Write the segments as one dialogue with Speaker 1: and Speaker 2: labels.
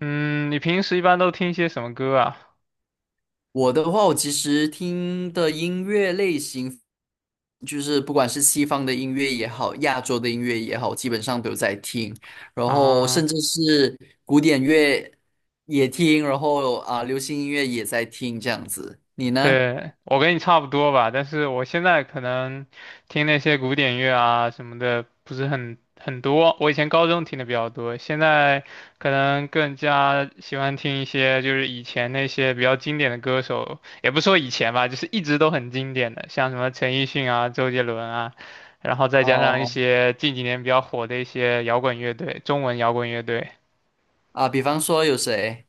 Speaker 1: 嗯，你平时一般都听一些什么歌啊？
Speaker 2: 我的话，我其实听的音乐类型，就是不管是西方的音乐也好，亚洲的音乐也好，基本上都有在听。然后甚
Speaker 1: 啊，
Speaker 2: 至是古典乐也听，然后啊，流行音乐也在听，这样子。你呢？
Speaker 1: 对，我跟你差不多吧，但是我现在可能听那些古典乐啊什么的不是很多。我以前高中听的比较多，现在可能更加喜欢听一些就是以前那些比较经典的歌手，也不说以前吧，就是一直都很经典的，像什么陈奕迅啊、周杰伦啊，然后再加上一
Speaker 2: 哦，
Speaker 1: 些近几年比较火的一些摇滚乐队，中文摇滚乐队。
Speaker 2: 啊，比方说有谁？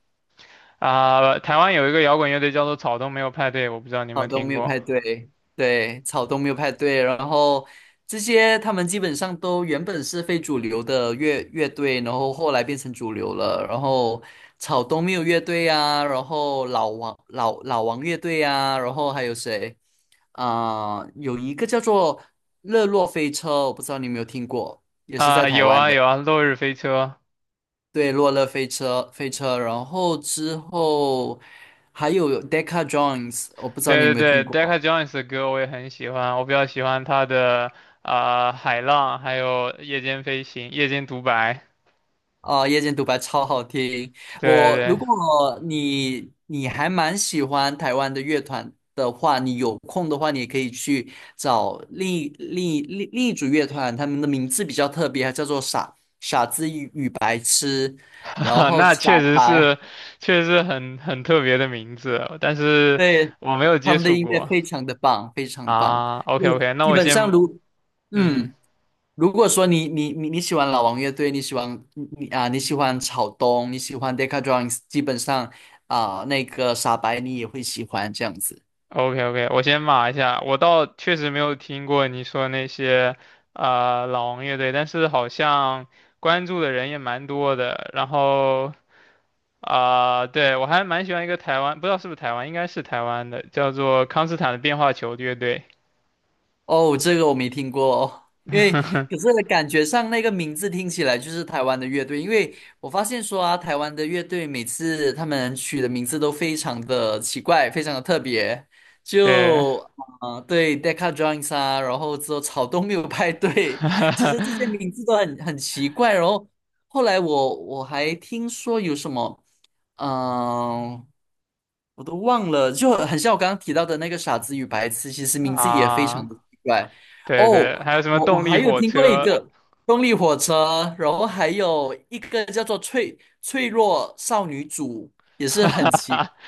Speaker 1: 啊、台湾有一个摇滚乐队叫做草东没有派对，我不知道你有没
Speaker 2: 草
Speaker 1: 有
Speaker 2: 东
Speaker 1: 听
Speaker 2: 没有
Speaker 1: 过
Speaker 2: 派对，对，草东没有派对，然后这些他们基本上都原本是非主流的乐队，然后后来变成主流了，然后草东没有乐队啊，然后老王乐队啊，然后还有谁有一个叫做乐洛飞车，我不知道你有没有听过，也是在
Speaker 1: 啊、
Speaker 2: 台
Speaker 1: 有
Speaker 2: 湾
Speaker 1: 啊
Speaker 2: 的，
Speaker 1: 有啊，落日飞车，
Speaker 2: 对，落乐飞车，然后之后还有 Decca Jones，我不知道你有
Speaker 1: 对对
Speaker 2: 没有听
Speaker 1: 对，Decca
Speaker 2: 过。
Speaker 1: Jones 的歌我也很喜欢，我比较喜欢他的海浪，还有夜间飞行、夜间独白，
Speaker 2: 哦，夜间独白超好听。
Speaker 1: 对
Speaker 2: 我如嗯
Speaker 1: 对，
Speaker 2: 果你还蛮喜欢台湾的乐团的话，你有空的话，你也可以去找另一组乐团，他们的名字比较特别，叫做傻子与白痴，然 后
Speaker 1: 那
Speaker 2: 傻
Speaker 1: 确实是，
Speaker 2: 白，
Speaker 1: 确实是很特别的名字，但是
Speaker 2: 对，
Speaker 1: 我没有
Speaker 2: 他
Speaker 1: 接
Speaker 2: 们的
Speaker 1: 触
Speaker 2: 音乐
Speaker 1: 过
Speaker 2: 非常的棒，非常棒。
Speaker 1: 啊。
Speaker 2: 就
Speaker 1: OK OK，那
Speaker 2: 基
Speaker 1: 我
Speaker 2: 本上
Speaker 1: 先
Speaker 2: 如
Speaker 1: 嗯。
Speaker 2: 嗯。如果说你喜欢老王乐队，你喜欢草东，你喜欢 Decca d r u m n s 基本上那个傻白你也会喜欢这样子。
Speaker 1: OK OK，我先码一下，我倒确实没有听过你说那些老王乐队，但是好像关注的人也蛮多的。然后对，我还蛮喜欢一个台湾，不知道是不是台湾，应该是台湾的，叫做康斯坦的变化球乐队。
Speaker 2: 哦，这个我没听过哦，可 是感觉上那个名字听起来就是台湾的乐队，因为我发现说啊，台湾的乐队每次他们取的名字都非常的奇怪，非常的特别，
Speaker 1: 对，
Speaker 2: 就对，Deca Joins 啊，然后之后草东没有派对，其实这些 名字都很奇怪，然后后来我还听说有什么，嗯、我都忘了，就很像我刚刚提到的那个《傻子与白痴》，其实名字也非常
Speaker 1: 啊，
Speaker 2: 的奇怪。哦，
Speaker 1: 对对，还有什么
Speaker 2: 我
Speaker 1: 动力
Speaker 2: 还有
Speaker 1: 火
Speaker 2: 听过一
Speaker 1: 车？
Speaker 2: 个动力火车，然后还有一个叫做脆弱少女组，也是很奇，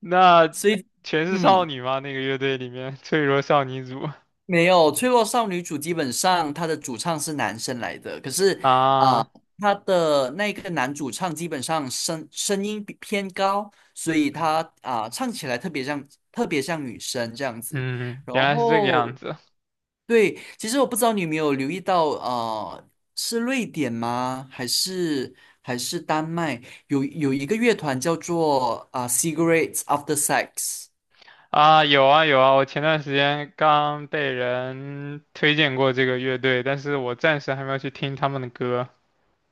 Speaker 1: 那
Speaker 2: 所以
Speaker 1: 全是少
Speaker 2: 嗯。
Speaker 1: 女吗？那个乐队里面脆弱少女组
Speaker 2: 没有《脆弱少女主基本上她的主唱是男生来的，可是啊，
Speaker 1: 啊。
Speaker 2: 她的那个男主唱基本上声音比偏高，所以他唱起来特别像女生这样子。
Speaker 1: 嗯，
Speaker 2: 然
Speaker 1: 原来是这个
Speaker 2: 后
Speaker 1: 样子
Speaker 2: 对，其实我不知道你有没有留意到，是瑞典吗？还是丹麦？有一个乐团叫做Cigarettes After Sex》。
Speaker 1: 啊！有啊有啊，我前段时间刚被人推荐过这个乐队，但是我暂时还没有去听他们的歌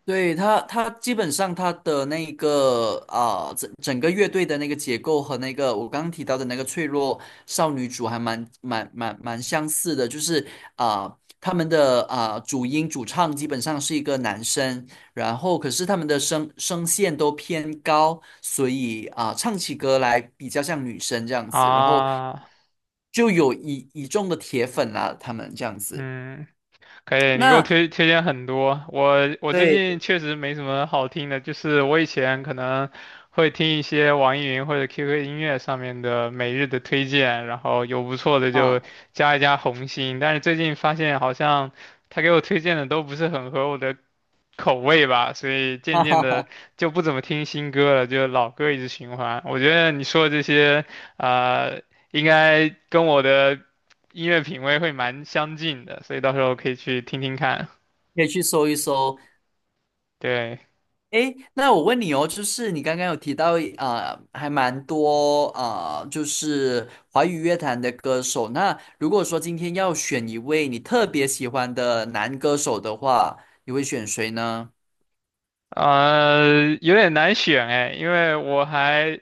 Speaker 2: 对，他基本上他的那个整个乐队的那个结构和那个我刚刚提到的那个脆弱少女组还蛮相似的，就是啊，他们的主音主唱基本上是一个男生，然后可是他们的声线都偏高，所以啊，唱起歌来比较像女生这样子，然后
Speaker 1: 啊。
Speaker 2: 就有一众的铁粉啦、他们这样子。
Speaker 1: 嗯，可以，你给我
Speaker 2: 那
Speaker 1: 推荐很多。我最
Speaker 2: 对
Speaker 1: 近确实没什么好听的，就是我以前可能会听一些网易云或者 QQ 音乐上面的每日的推荐，然后有不错的就
Speaker 2: 啊，
Speaker 1: 加一加红心，但是最近发现好像他给我推荐的都不是很合我的口味吧，所以 渐
Speaker 2: 哈
Speaker 1: 渐
Speaker 2: 哈
Speaker 1: 的
Speaker 2: 哈
Speaker 1: 就不怎么听新歌了，就老歌一直循环。我觉得你说的这些，呃，应该跟我的音乐品味会蛮相近的，所以到时候可以去听听看。
Speaker 2: 可以去搜一搜。
Speaker 1: 对，
Speaker 2: 诶，那我问你哦，就是你刚刚有提到还蛮多就是华语乐坛的歌手。那如果说今天要选一位你特别喜欢的男歌手的话，你会选谁呢？
Speaker 1: 有点难选哎，因为我还，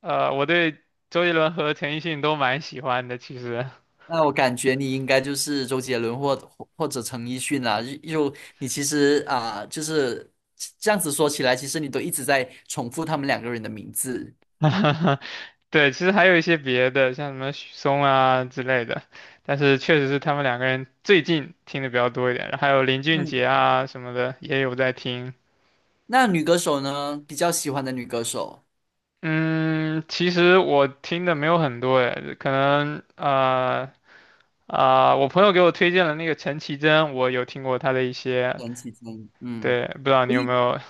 Speaker 1: 我对周杰伦和陈奕迅都蛮喜欢的，其实。
Speaker 2: 那我感觉你应该就是周杰伦或者陈奕迅啊。你其实就是这样子说起来，其实你都一直在重复他们两个人的名字。
Speaker 1: 对，其实还有一些别的，像什么许嵩啊之类的，但是确实是他们两个人最近听的比较多一点，然后还有林俊
Speaker 2: 嗯，
Speaker 1: 杰啊什么的也有在听。
Speaker 2: 那女歌手呢？比较喜欢的女歌手。
Speaker 1: 嗯，其实我听的没有很多哎，可能我朋友给我推荐了那个陈绮贞，我有听过她的一些，
Speaker 2: 陈绮贞，嗯，
Speaker 1: 对，不知道你
Speaker 2: 诶，
Speaker 1: 有没有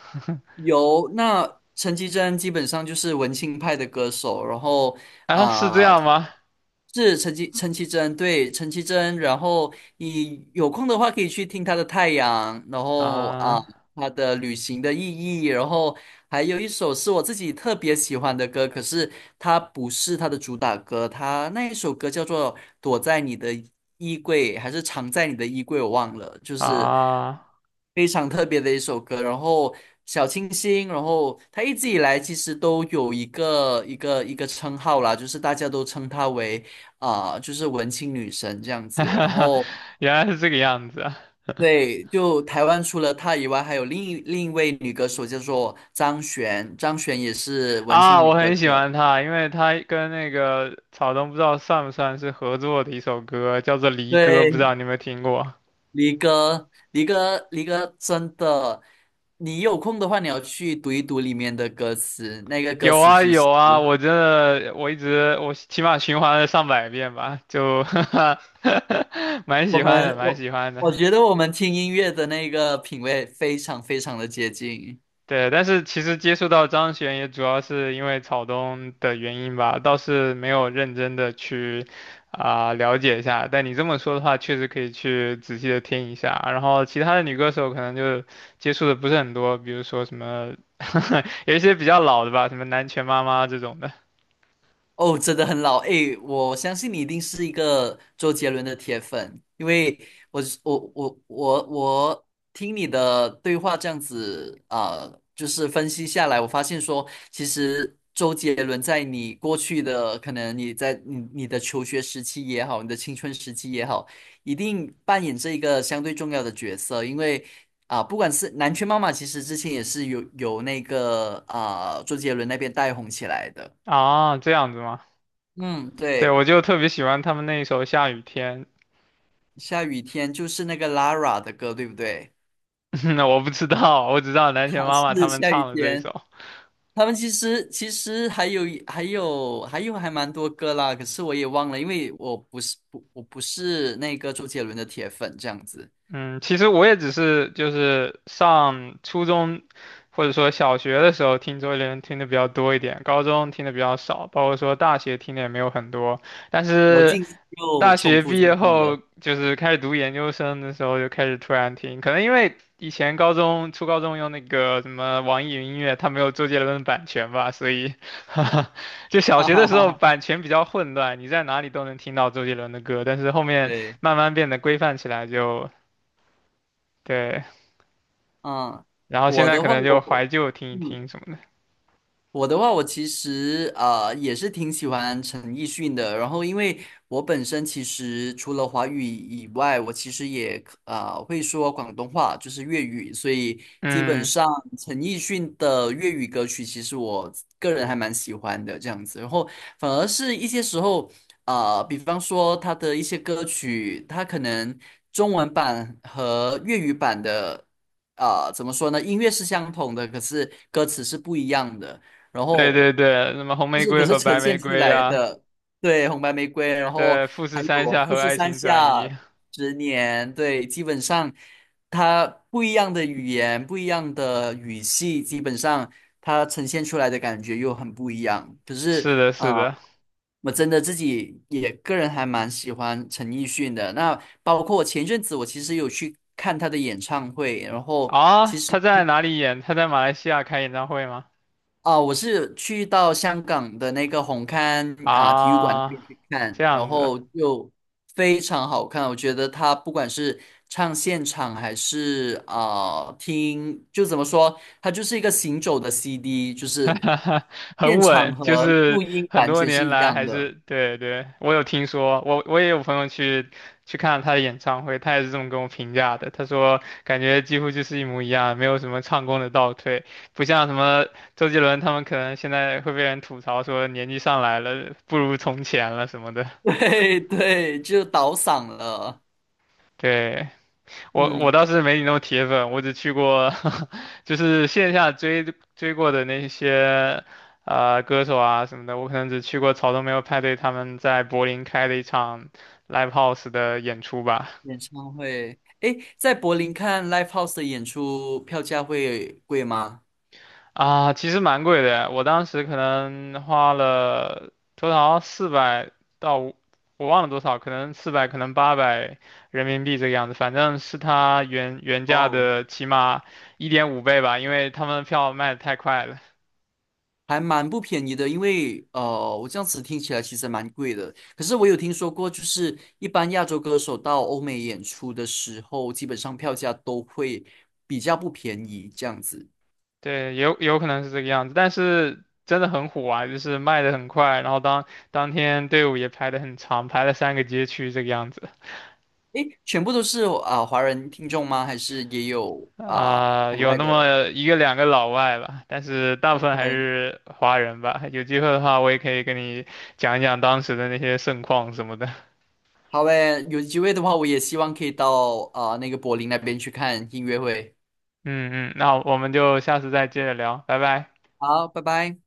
Speaker 2: 有，那陈绮贞基本上就是文青派的歌手，然后
Speaker 1: 啊？是这
Speaker 2: 啊、呃
Speaker 1: 样吗？
Speaker 2: 是陈绮贞，对陈绮贞，然后你有空的话可以去听她的《太阳》，然后
Speaker 1: 啊
Speaker 2: 她的《旅行的意义》，然后还有一首是我自己特别喜欢的歌，可是它不是它的主打歌，它那一首歌叫做《躲在你的衣柜》还是《藏在你的衣柜》，我忘了，就是
Speaker 1: 啊，
Speaker 2: 非常特别的一首歌。然后小清新，然后他一直以来其实都有一个称号啦，就是大家都称她为就是文青女神这样子。然后
Speaker 1: 原来是这个样子啊
Speaker 2: 对，就台湾除了她以外，还有另一位女歌手叫做张悬，张悬也是文
Speaker 1: 啊，
Speaker 2: 青女
Speaker 1: 我
Speaker 2: 歌
Speaker 1: 很喜
Speaker 2: 手。
Speaker 1: 欢他，因为他跟那个草东不知道算不算是合作的一首歌，叫做《离歌》，不知
Speaker 2: 对，
Speaker 1: 道你有没有听过？
Speaker 2: 离歌，离歌，离歌，真的，你有空的话，你要去读一读里面的歌词。那个 歌
Speaker 1: 有
Speaker 2: 词
Speaker 1: 啊
Speaker 2: 其
Speaker 1: 有
Speaker 2: 实
Speaker 1: 啊，我真的我一直我起码循环了上百遍吧，就 蛮
Speaker 2: 我
Speaker 1: 喜欢的，
Speaker 2: 们
Speaker 1: 蛮
Speaker 2: 我
Speaker 1: 喜欢
Speaker 2: 我
Speaker 1: 的。
Speaker 2: 觉得我们听音乐的那个品味非常非常的接近。
Speaker 1: 对，但是其实接触到张悬也主要是因为草东的原因吧，倒是没有认真的去了解一下。但你这么说的话，确实可以去仔细的听一下。然后其他的女歌手可能就接触的不是很多，比如说什么 有一些比较老的吧，什么南拳妈妈这种的
Speaker 2: 哦，真的很老诶，我相信你一定是一个周杰伦的铁粉，因为我是我我我我听你的对话这样子就是分析下来，我发现说，其实周杰伦在你过去的可能你在你的求学时期也好，你的青春时期也好，一定扮演这一个相对重要的角色。啊，不管是南拳妈妈，其实之前也是有那个周杰伦那边带红起来的。
Speaker 1: 啊，这样子吗？
Speaker 2: 嗯，
Speaker 1: 对，
Speaker 2: 对。
Speaker 1: 我就特别喜欢他们那一首《下雨天》，
Speaker 2: 下雨天就是那个 Lara 的歌，对不对？
Speaker 1: 那我不知道，我只知道南拳
Speaker 2: 啊，
Speaker 1: 妈妈他
Speaker 2: 是
Speaker 1: 们
Speaker 2: 下雨
Speaker 1: 唱的这一
Speaker 2: 天。
Speaker 1: 首。
Speaker 2: 他们其实还蛮多歌啦，可是我也忘了，因为我不是那个周杰伦的铁粉这样子，
Speaker 1: 嗯，其实我也只是就是上初中或者说小学的时候听周杰伦听的比较多一点，高中听的比较少，包括说大学听的也没有很多。但
Speaker 2: 然后
Speaker 1: 是
Speaker 2: 近期又
Speaker 1: 大
Speaker 2: 重
Speaker 1: 学
Speaker 2: 复
Speaker 1: 毕
Speaker 2: 在
Speaker 1: 业
Speaker 2: 听
Speaker 1: 后，
Speaker 2: 了，
Speaker 1: 就是开始读研究生的时候，就开始突然听，可能因为以前高中初高中用那个什么网易云音乐，它没有周杰伦的版权吧，所以 就 小
Speaker 2: 哈
Speaker 1: 学的
Speaker 2: 哈
Speaker 1: 时
Speaker 2: 哈
Speaker 1: 候
Speaker 2: 哈。
Speaker 1: 版权比较混乱，你在哪里都能听到周杰伦的歌，但是后面
Speaker 2: 对，
Speaker 1: 慢慢变得规范起来就。对，
Speaker 2: 嗯，
Speaker 1: 然后现
Speaker 2: 我
Speaker 1: 在
Speaker 2: 的
Speaker 1: 可
Speaker 2: 话
Speaker 1: 能就怀
Speaker 2: 我
Speaker 1: 旧听一
Speaker 2: 嗯。
Speaker 1: 听什么的。
Speaker 2: 我的话，我其实也是挺喜欢陈奕迅的。然后，因为我本身其实除了华语以外，我其实也会说广东话，就是粤语。所以基本
Speaker 1: 嗯，
Speaker 2: 上陈奕迅的粤语歌曲，其实我个人还蛮喜欢的这样子。然后反而是一些时候，比方说他的一些歌曲，他可能中文版和粤语版的，怎么说呢？音乐是相同的，可是歌词是不一样的。然
Speaker 1: 对对
Speaker 2: 后
Speaker 1: 对，什么红
Speaker 2: 就
Speaker 1: 玫
Speaker 2: 是可
Speaker 1: 瑰
Speaker 2: 是
Speaker 1: 和
Speaker 2: 呈
Speaker 1: 白玫
Speaker 2: 现出
Speaker 1: 瑰
Speaker 2: 来
Speaker 1: 啊，
Speaker 2: 的，对，红白玫瑰，然后
Speaker 1: 对，富
Speaker 2: 还
Speaker 1: 士山
Speaker 2: 有
Speaker 1: 下
Speaker 2: 富
Speaker 1: 和
Speaker 2: 士
Speaker 1: 爱
Speaker 2: 山
Speaker 1: 情转移，
Speaker 2: 下十年，对，基本上它不一样的语言，不一样的语气，基本上它呈现出来的感觉又很不一样。可是
Speaker 1: 是的，
Speaker 2: 啊、
Speaker 1: 是
Speaker 2: 呃
Speaker 1: 的。
Speaker 2: 我真的自己也个人还蛮喜欢陈奕迅的。那包括前阵子我其实有去看他的演唱会，然后
Speaker 1: 啊，
Speaker 2: 其实。
Speaker 1: 他在哪里演？他在马来西亚开演唱会吗？
Speaker 2: 我是去到香港的那个红磡体育馆那
Speaker 1: 啊，
Speaker 2: 边去
Speaker 1: 这
Speaker 2: 看，然
Speaker 1: 样子。
Speaker 2: 后就非常好看。我觉得他不管是唱现场还是听，就怎么说，它就是一个行走的 CD，就是
Speaker 1: 很
Speaker 2: 现场
Speaker 1: 稳，就
Speaker 2: 和录
Speaker 1: 是
Speaker 2: 音
Speaker 1: 很
Speaker 2: 完
Speaker 1: 多
Speaker 2: 全是
Speaker 1: 年
Speaker 2: 一
Speaker 1: 来
Speaker 2: 样
Speaker 1: 还是
Speaker 2: 的。
Speaker 1: 对对，我有听说，我也有朋友去看了他的演唱会，他也是这么跟我评价的。他说感觉几乎就是一模一样，没有什么唱功的倒退，不像什么周杰伦他们可能现在会被人吐槽说年纪上来了不如从前了什么的。
Speaker 2: 对对，就倒嗓了。
Speaker 1: 对，我
Speaker 2: 嗯，
Speaker 1: 倒是没你那么铁粉，我只去过，就是线下追过的那些歌手啊什么的，我可能只去过草东没有派对他们在柏林开的一场 live house 的演出吧。
Speaker 2: 演唱会，诶，在柏林看 Live House 的演出票价会贵吗？
Speaker 1: 啊，其实蛮贵的，我当时可能花了多少四百到五，我忘了多少，可能四百，可能800人民币这个样子，反正是他原价
Speaker 2: 哦
Speaker 1: 的起码1.5倍吧，因为他们票卖的太快了。
Speaker 2: 还蛮不便宜的，因为我这样子听起来其实蛮贵的。可是我有听说过，就是一般亚洲歌手到欧美演出的时候，基本上票价都会比较不便宜这样子。
Speaker 1: 对，也有可能是这个样子，但是真的很火啊，就是卖的很快，然后当天队伍也排的很长，排了3个街区这个样子
Speaker 2: 诶，全部都是华人听众吗？还是也有海
Speaker 1: 有
Speaker 2: 外
Speaker 1: 那
Speaker 2: 的
Speaker 1: 么一个两个老外吧，但是大部分还
Speaker 2: ？OK，
Speaker 1: 是华人吧。有机会的话，我也可以跟你讲一讲当时的那些盛况什么的。
Speaker 2: 好诶，有机会的话，我也希望可以到那个柏林那边去看音乐会。
Speaker 1: 嗯嗯，那我们就下次再接着聊，拜拜。
Speaker 2: 好，拜拜。